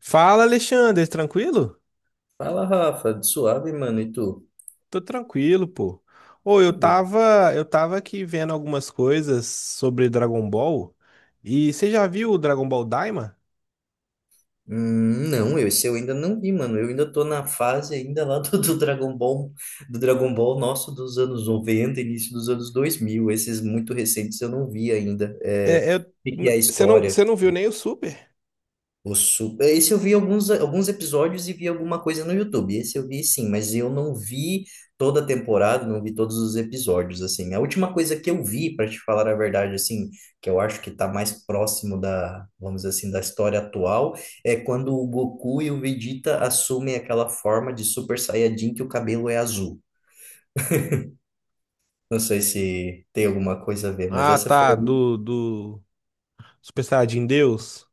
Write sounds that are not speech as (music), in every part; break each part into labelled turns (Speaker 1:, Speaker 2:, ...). Speaker 1: Fala, Alexandre, tranquilo?
Speaker 2: Fala, Rafa, de suave, mano, e tu?
Speaker 1: Tô tranquilo, pô. Ô, eu
Speaker 2: Que bom.
Speaker 1: tava, eu tava aqui vendo algumas coisas sobre Dragon Ball. E você já viu o Dragon Ball Daima?
Speaker 2: Não, esse eu ainda não vi, mano. Eu ainda tô na fase ainda lá (laughs) do Dragon Ball, do Dragon Ball nosso dos anos 90, início dos anos 2000. Esses muito recentes eu não vi ainda. É, o que que é a história?
Speaker 1: Você não viu nem o Super?
Speaker 2: Esse eu vi alguns episódios e vi alguma coisa no YouTube. Esse eu vi, sim, mas eu não vi toda a temporada, não vi todos os episódios, assim. A última coisa que eu vi, para te falar a verdade, assim, que eu acho que tá mais próximo da, vamos dizer assim, da história atual, é quando o Goku e o Vegeta assumem aquela forma de Super Saiyajin que o cabelo é azul. Não sei se tem alguma coisa a ver, mas
Speaker 1: Ah,
Speaker 2: essa foi
Speaker 1: tá,
Speaker 2: a.
Speaker 1: do Super Saiyajin Deus.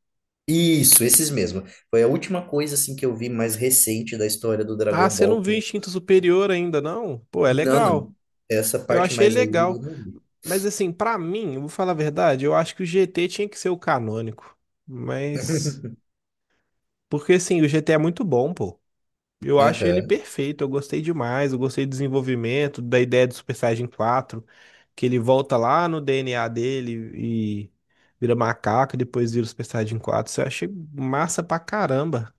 Speaker 2: Isso, esses mesmo. Foi a última coisa assim que eu vi mais recente da história do
Speaker 1: Ah,
Speaker 2: Dragon
Speaker 1: você não
Speaker 2: Ball.
Speaker 1: viu Instinto Superior ainda, não? Pô, é
Speaker 2: Não,
Speaker 1: legal.
Speaker 2: não. Essa
Speaker 1: Eu
Speaker 2: parte
Speaker 1: achei
Speaker 2: mais aí eu
Speaker 1: legal.
Speaker 2: não vi.
Speaker 1: Mas assim, pra mim, eu vou falar a verdade, eu acho que o GT tinha que ser o canônico. Mas
Speaker 2: (laughs)
Speaker 1: porque assim, o GT é muito bom, pô. Eu acho ele
Speaker 2: Aham.
Speaker 1: perfeito, eu gostei demais, eu gostei do desenvolvimento, da ideia do Super Saiyajin 4, que ele volta lá no DNA dele e vira macaco, e depois vira o Super Saiyajin 4. Isso eu achei massa pra caramba.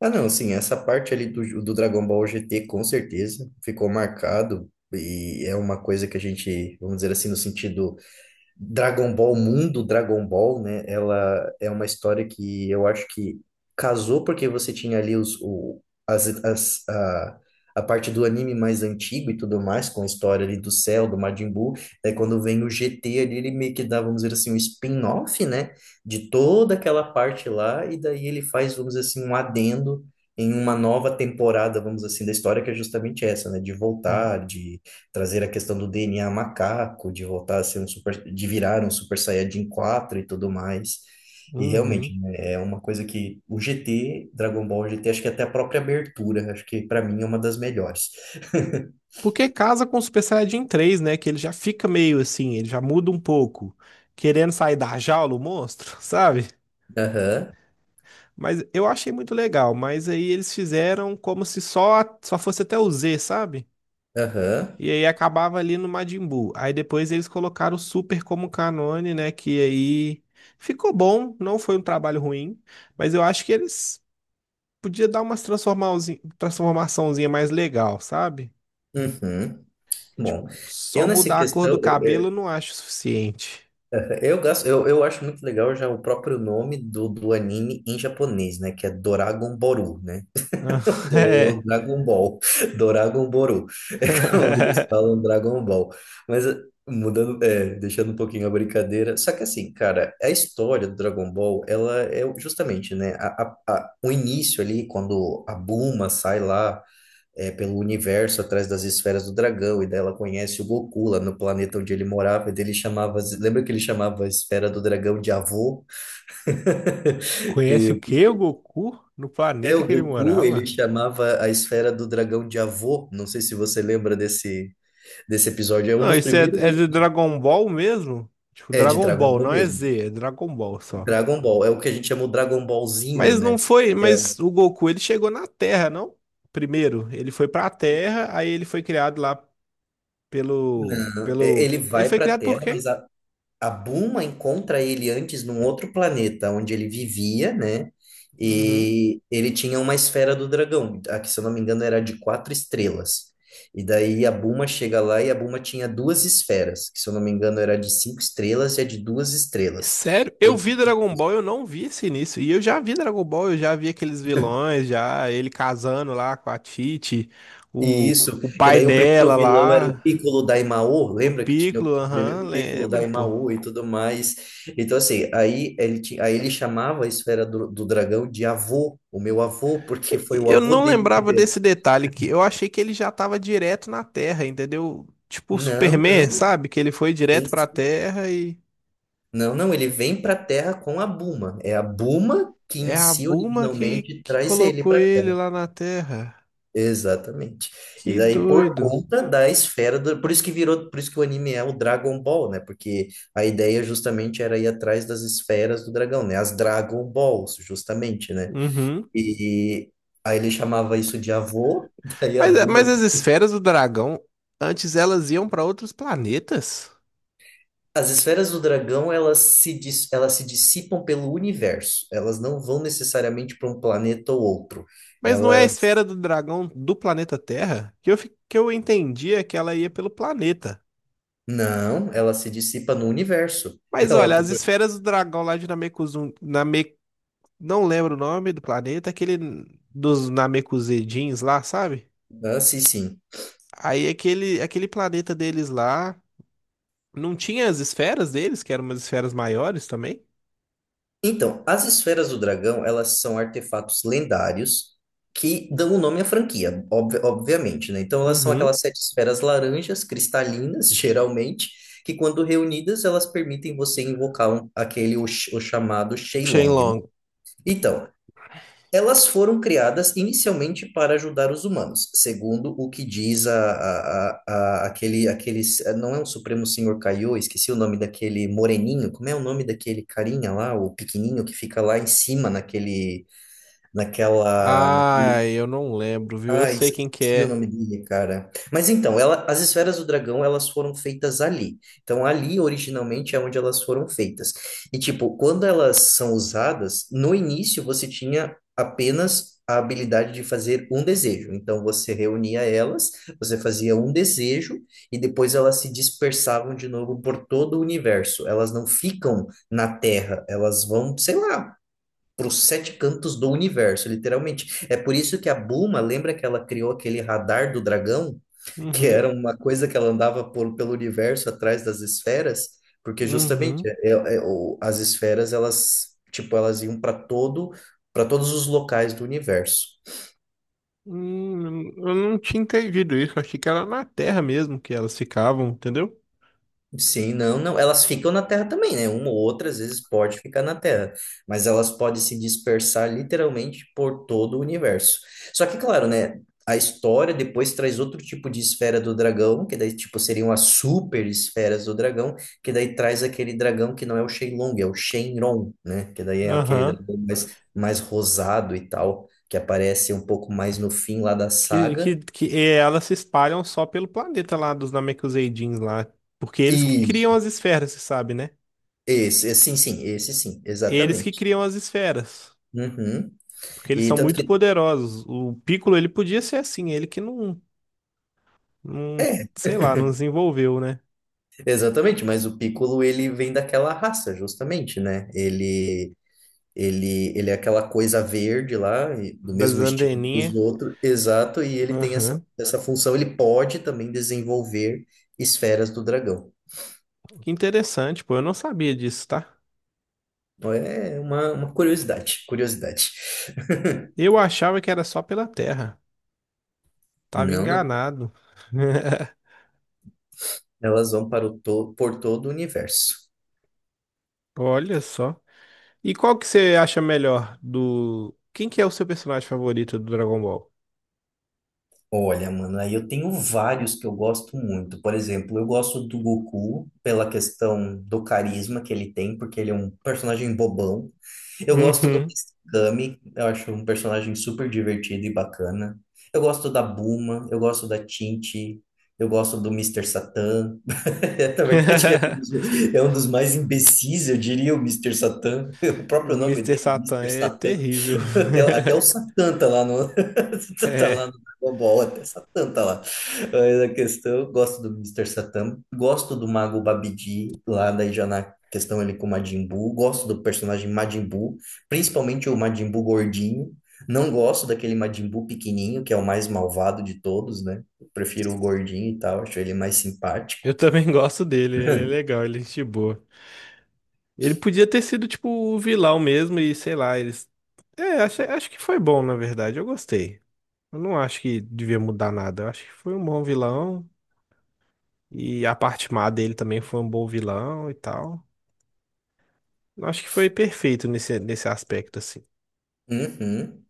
Speaker 2: Ah, não, sim, essa parte ali do Dragon Ball GT com certeza ficou marcado e é uma coisa que a gente, vamos dizer assim, no sentido. Dragon Ball Mundo, Dragon Ball, né? Ela é uma história que eu acho que casou porque você tinha ali os, o, as, a parte do anime mais antigo e tudo mais, com a história ali do Cell, do Majin Buu. Aí quando vem o GT ali, ele meio que dá, vamos dizer assim, um spin-off, né? De toda aquela parte lá, e daí ele faz, vamos dizer assim, um adendo em uma nova temporada, vamos dizer assim, da história, que é justamente essa, né? De voltar, de trazer a questão do DNA macaco, de voltar a ser um super, de virar um Super Saiyajin 4 e tudo mais. E
Speaker 1: Uhum.
Speaker 2: realmente, né, é uma coisa que o GT, Dragon Ball GT, acho que até a própria abertura, acho que pra mim é uma das melhores.
Speaker 1: Porque casa com o Super Saiyajin 3, né? Que ele já fica meio assim, ele já muda um pouco, querendo sair da jaula, o monstro, (laughs) sabe?
Speaker 2: Aham,
Speaker 1: Mas eu achei muito legal, mas aí eles fizeram como se só fosse até o Z, sabe?
Speaker 2: aham,
Speaker 1: E aí acabava ali no Majin Buu. Aí depois eles colocaram o Super como canone, né? Que aí ficou bom, não foi um trabalho ruim, mas eu acho que eles podia dar umas transformaçãozinha mais legal, sabe?
Speaker 2: uhum. Bom,
Speaker 1: Tipo,
Speaker 2: eu
Speaker 1: só
Speaker 2: nessa
Speaker 1: mudar a cor do
Speaker 2: questão,
Speaker 1: cabelo eu não acho o suficiente.
Speaker 2: eu eu acho muito legal já o próprio nome do anime em japonês, né, que é Doragon Boru, né?
Speaker 1: Ah, (laughs)
Speaker 2: Do
Speaker 1: é.
Speaker 2: Dragon Ball, Dragon Boru, (laughs) é como eles
Speaker 1: (laughs)
Speaker 2: falam Dragon Ball. Mas mudando, é, deixando um pouquinho a brincadeira. Só que assim, cara, a história do Dragon Ball, ela é justamente, né, o início ali, quando a Bulma sai lá é, pelo universo atrás das esferas do dragão, e daí ela conhece o Goku lá no planeta onde ele morava, e daí ele chamava, lembra que ele chamava a esfera do dragão de avô?
Speaker 1: Conhece o que o Goku no
Speaker 2: É,
Speaker 1: planeta
Speaker 2: o
Speaker 1: que ele
Speaker 2: Goku, ele
Speaker 1: morava?
Speaker 2: chamava a esfera do dragão de avô. Não sei se você lembra desse episódio. É um
Speaker 1: Não,
Speaker 2: dos
Speaker 1: isso é,
Speaker 2: primeiros.
Speaker 1: é de Dragon Ball mesmo? Tipo,
Speaker 2: É de
Speaker 1: Dragon
Speaker 2: Dragon
Speaker 1: Ball,
Speaker 2: Ball
Speaker 1: não é
Speaker 2: mesmo.
Speaker 1: Z, é Dragon Ball só.
Speaker 2: Dragon Ball. É o que a gente chama o Dragon Ballzinho,
Speaker 1: Mas não
Speaker 2: né?
Speaker 1: foi,
Speaker 2: É.
Speaker 1: mas o Goku ele chegou na Terra, não? Primeiro, ele foi pra Terra, aí ele foi criado lá pelo
Speaker 2: Não,
Speaker 1: pelo
Speaker 2: ele
Speaker 1: ele
Speaker 2: vai
Speaker 1: foi
Speaker 2: pra
Speaker 1: criado por
Speaker 2: Terra, mas
Speaker 1: quem?
Speaker 2: a Buma encontra ele antes num outro planeta onde ele vivia, né?
Speaker 1: Uhum.
Speaker 2: E ele tinha uma esfera do dragão, a que, se eu não me engano, era de quatro estrelas. E daí a Buma chega lá e a Buma tinha duas esferas, que, se eu não me engano, era de cinco estrelas e a de duas estrelas.
Speaker 1: Sério? Eu vi Dragon Ball, eu não vi esse início. E eu já vi Dragon Ball, eu já vi aqueles vilões, já ele casando lá com a Titi,
Speaker 2: E
Speaker 1: o,
Speaker 2: isso,
Speaker 1: o
Speaker 2: que
Speaker 1: pai
Speaker 2: daí o primeiro
Speaker 1: dela
Speaker 2: vilão era
Speaker 1: lá,
Speaker 2: o Piccolo Daimaô,
Speaker 1: o
Speaker 2: lembra que tinha
Speaker 1: Piccolo,
Speaker 2: o
Speaker 1: aham,
Speaker 2: primeiro o Piccolo
Speaker 1: lembro, pô.
Speaker 2: Daimaô e tudo mais. Então, assim, aí ele chamava a esfera do dragão de avô, o meu avô, porque foi o
Speaker 1: Eu
Speaker 2: avô
Speaker 1: não
Speaker 2: dele que
Speaker 1: lembrava
Speaker 2: deu.
Speaker 1: desse detalhe que eu achei que ele já estava direto na Terra, entendeu? Tipo o
Speaker 2: Não,
Speaker 1: Superman,
Speaker 2: não,
Speaker 1: sabe? Que ele foi
Speaker 2: sim,
Speaker 1: direto pra
Speaker 2: sim.
Speaker 1: Terra e
Speaker 2: Não, não, ele vem para a Terra com a Buma. É a Buma que
Speaker 1: é
Speaker 2: em
Speaker 1: a
Speaker 2: si
Speaker 1: Buma que,
Speaker 2: originalmente
Speaker 1: que
Speaker 2: traz ele
Speaker 1: colocou
Speaker 2: para.
Speaker 1: ele lá na Terra.
Speaker 2: Exatamente. E
Speaker 1: Que
Speaker 2: daí, por
Speaker 1: doido.
Speaker 2: conta da esfera do. Por isso que virou, por isso que o anime é o Dragon Ball, né? Porque a ideia justamente era ir atrás das esferas do dragão, né? As Dragon Balls, justamente, né?
Speaker 1: Uhum.
Speaker 2: E aí ele chamava isso de avô. (laughs) Daí a
Speaker 1: Mas,
Speaker 2: Bulma.
Speaker 1: mas as esferas do dragão, antes elas iam pra outros planetas?
Speaker 2: As esferas do dragão, elas se dissipam pelo universo. Elas não vão necessariamente para um planeta ou outro.
Speaker 1: Mas não é a
Speaker 2: Elas.
Speaker 1: esfera do dragão do planeta Terra? Que eu entendia que ela ia pelo planeta.
Speaker 2: Não, ela se dissipa no universo. (laughs)
Speaker 1: Mas
Speaker 2: Ela,
Speaker 1: olha, as
Speaker 2: tipo.
Speaker 1: esferas do dragão lá de Namekusum, não lembro o nome do planeta, aquele dos Namekusei-jins lá, sabe?
Speaker 2: Ah, sim, sim.
Speaker 1: Aí aquele planeta deles lá, não tinha as esferas deles, que eram umas esferas maiores também?
Speaker 2: Então, as esferas do dragão, elas são artefatos lendários que dão o nome à franquia, obviamente, né? Então, elas são
Speaker 1: Uhum.
Speaker 2: aquelas sete esferas laranjas, cristalinas, (laughs) geralmente, que quando reunidas, elas permitem você invocar o chamado Shenlong, né?
Speaker 1: Shenlong.
Speaker 2: Então, elas foram criadas inicialmente para ajudar os humanos, segundo o que diz aquele, não é um Supremo Senhor Kaiô, esqueci o nome daquele moreninho, como é o nome daquele carinha lá, o pequenininho que fica lá em cima naquele, naquela,
Speaker 1: Ah,
Speaker 2: naquele
Speaker 1: eu não lembro, viu? Eu sei quem que
Speaker 2: Esqueci o
Speaker 1: é.
Speaker 2: nome dele, cara. Mas então, as esferas do dragão, elas foram feitas ali. Então, ali originalmente é onde elas foram feitas. E tipo, quando elas são usadas, no início você tinha apenas a habilidade de fazer um desejo. Então, você reunia elas, você fazia um desejo e depois elas se dispersavam de novo por todo o universo. Elas não ficam na Terra, elas vão, sei lá, para os sete cantos do universo, literalmente. É por isso que a Buma lembra que ela criou aquele radar do dragão, (laughs) que
Speaker 1: Uhum,
Speaker 2: era uma coisa que ela andava pelo universo atrás das esferas, porque justamente
Speaker 1: uhum.
Speaker 2: as esferas, elas tipo elas iam para todos os locais do universo.
Speaker 1: Eu não tinha entendido isso, achei que era na Terra mesmo que elas ficavam, entendeu?
Speaker 2: Sim, não, não. Elas ficam na Terra também, né? Uma ou outra, às vezes, pode ficar na Terra, mas elas podem se dispersar literalmente por todo o universo. Só que, claro, né? A história depois traz outro tipo de esfera do dragão, que daí, tipo, seriam as super esferas do dragão, que daí traz aquele dragão que não é o Shenlong, é o Shenron, né? Que daí é aquele
Speaker 1: Aham.
Speaker 2: dragão mais rosado e tal, que aparece um pouco mais no fim lá da
Speaker 1: Que,
Speaker 2: saga.
Speaker 1: que, que é, elas se espalham só pelo planeta lá dos Namekuseidins lá. Porque eles que
Speaker 2: E
Speaker 1: criam as esferas, você sabe, né?
Speaker 2: esse, sim, sim, esse sim,
Speaker 1: Eles que
Speaker 2: exatamente.
Speaker 1: criam as esferas.
Speaker 2: Uhum.
Speaker 1: Porque eles
Speaker 2: E
Speaker 1: são
Speaker 2: tanto
Speaker 1: muito
Speaker 2: que,
Speaker 1: poderosos. O Piccolo, ele podia ser assim. Ele que não, não sei lá, não desenvolveu, né?
Speaker 2: exatamente, mas o Piccolo ele vem daquela raça, justamente, né? Ele é aquela coisa verde lá, do
Speaker 1: Das
Speaker 2: mesmo estilo que os
Speaker 1: anteninhas.
Speaker 2: outros, exato, e ele tem
Speaker 1: Aham.
Speaker 2: essa função, ele pode também desenvolver esferas do dragão.
Speaker 1: Que interessante, pô. Eu não sabia disso, tá?
Speaker 2: Então, é uma curiosidade, curiosidade. (laughs)
Speaker 1: Eu achava que era só pela Terra. Tava
Speaker 2: Não, não,
Speaker 1: enganado. (laughs)
Speaker 2: elas vão para o to por todo o universo.
Speaker 1: Olha só. E qual que você acha melhor do... Quem que é o seu personagem favorito do Dragon Ball?
Speaker 2: Olha, mano, aí eu tenho vários que eu gosto muito. Por exemplo, eu gosto do Goku pela questão do carisma que ele tem, porque ele é um personagem bobão. Eu gosto do
Speaker 1: Uhum.
Speaker 2: Mestre Kami, eu acho um personagem super divertido e bacana. Eu gosto da Bulma, eu gosto da Tinte, eu gosto do Mister Satan. (laughs) Na verdade,
Speaker 1: (laughs)
Speaker 2: é um dos mais imbecis, eu diria, o Mister Satan. (laughs) O
Speaker 1: O
Speaker 2: próprio nome
Speaker 1: Mister
Speaker 2: dele,
Speaker 1: Satan
Speaker 2: Mister
Speaker 1: é
Speaker 2: Satan.
Speaker 1: terrível.
Speaker 2: (laughs) Até
Speaker 1: (laughs)
Speaker 2: o Satã tá lá no. (laughs) Tá
Speaker 1: É,
Speaker 2: lá no Dragon Ball, até Satã tá lá. Mas a questão, eu gosto do Mister Satã, gosto do Mago Babidi, lá daí já na questão ele com o Majin Buu, gosto do personagem Majin Buu, principalmente o Majin Buu gordinho. Não gosto daquele Majin Buu pequenininho, que é o mais malvado de todos, né? Eu prefiro o gordinho e tal, acho ele mais simpático.
Speaker 1: eu também (laughs) gosto dele, ele é
Speaker 2: (laughs)
Speaker 1: legal, ele é gente boa. Ele podia ter sido tipo o vilão mesmo e sei lá, eles. É, acho que foi bom, na verdade, eu gostei. Eu não acho que devia mudar nada, eu acho que foi um bom vilão e a parte má dele também foi um bom vilão e tal. Eu acho que foi perfeito nesse aspecto, assim.
Speaker 2: Uhum.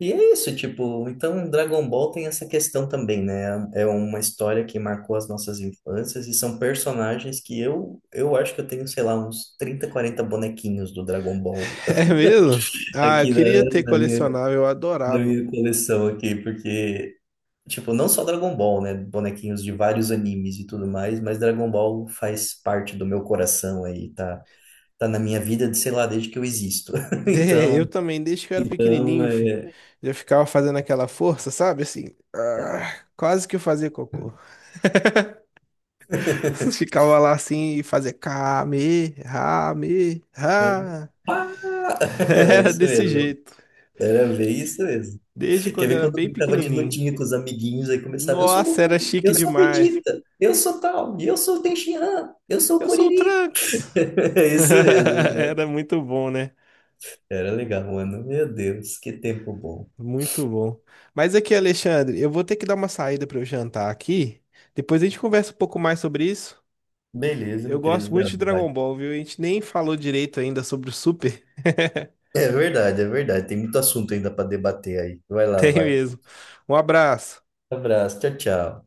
Speaker 2: E é isso, tipo, então Dragon Ball tem essa questão também, né? É uma história que marcou as nossas infâncias e são personagens que eu acho que eu tenho, sei lá, uns 30, 40 bonequinhos do Dragon Ball
Speaker 1: É mesmo? Ah, eu
Speaker 2: aqui
Speaker 1: queria ter
Speaker 2: na minha,
Speaker 1: colecionável, eu
Speaker 2: na
Speaker 1: adorava,
Speaker 2: minha
Speaker 1: pô.
Speaker 2: coleção aqui, porque, tipo, não só Dragon Ball, né? Bonequinhos de vários animes e tudo mais, mas Dragon Ball faz parte do meu coração aí, tá, tá na minha vida, de, sei lá, desde que eu existo. (laughs)
Speaker 1: Eu
Speaker 2: Então,
Speaker 1: também, desde que eu era
Speaker 2: então
Speaker 1: pequenininho, eu ficava fazendo aquela força, sabe? Assim, ah, quase que eu fazia cocô. (laughs) Ficava lá assim e fazia kame, rame,
Speaker 2: é-
Speaker 1: ha. (laughs)
Speaker 2: (laughs) era
Speaker 1: Era
Speaker 2: isso
Speaker 1: desse
Speaker 2: mesmo.
Speaker 1: jeito,
Speaker 2: Era bem isso mesmo.
Speaker 1: desde
Speaker 2: Quer
Speaker 1: quando eu
Speaker 2: ver
Speaker 1: era
Speaker 2: quando eu
Speaker 1: bem
Speaker 2: brincava de
Speaker 1: pequenininho.
Speaker 2: lutinha com os amiguinhos, aí começava, eu sou
Speaker 1: Nossa,
Speaker 2: Goku,
Speaker 1: era chique
Speaker 2: eu sou
Speaker 1: demais.
Speaker 2: Vegeta, eu sou tal, eu sou o Tenshinhan, eu sou o
Speaker 1: Eu sou o
Speaker 2: Kuririn.
Speaker 1: Trunks.
Speaker 2: (laughs) É isso
Speaker 1: (laughs)
Speaker 2: mesmo.
Speaker 1: Era muito bom, né?
Speaker 2: Era legal, mano. Meu Deus, que tempo bom.
Speaker 1: Muito bom. Mas aqui, Alexandre, eu vou ter que dar uma saída para eu jantar aqui. Depois a gente conversa um pouco mais sobre isso.
Speaker 2: Beleza,
Speaker 1: Eu
Speaker 2: meu
Speaker 1: gosto
Speaker 2: querido. Vai,
Speaker 1: muito de
Speaker 2: lá, vai.
Speaker 1: Dragon Ball, viu? A gente nem falou direito ainda sobre o Super. (laughs)
Speaker 2: É verdade, é verdade. Tem muito assunto ainda para debater aí. Vai lá,
Speaker 1: Tem
Speaker 2: vai.
Speaker 1: mesmo. Um abraço.
Speaker 2: Abraço, tchau, tchau.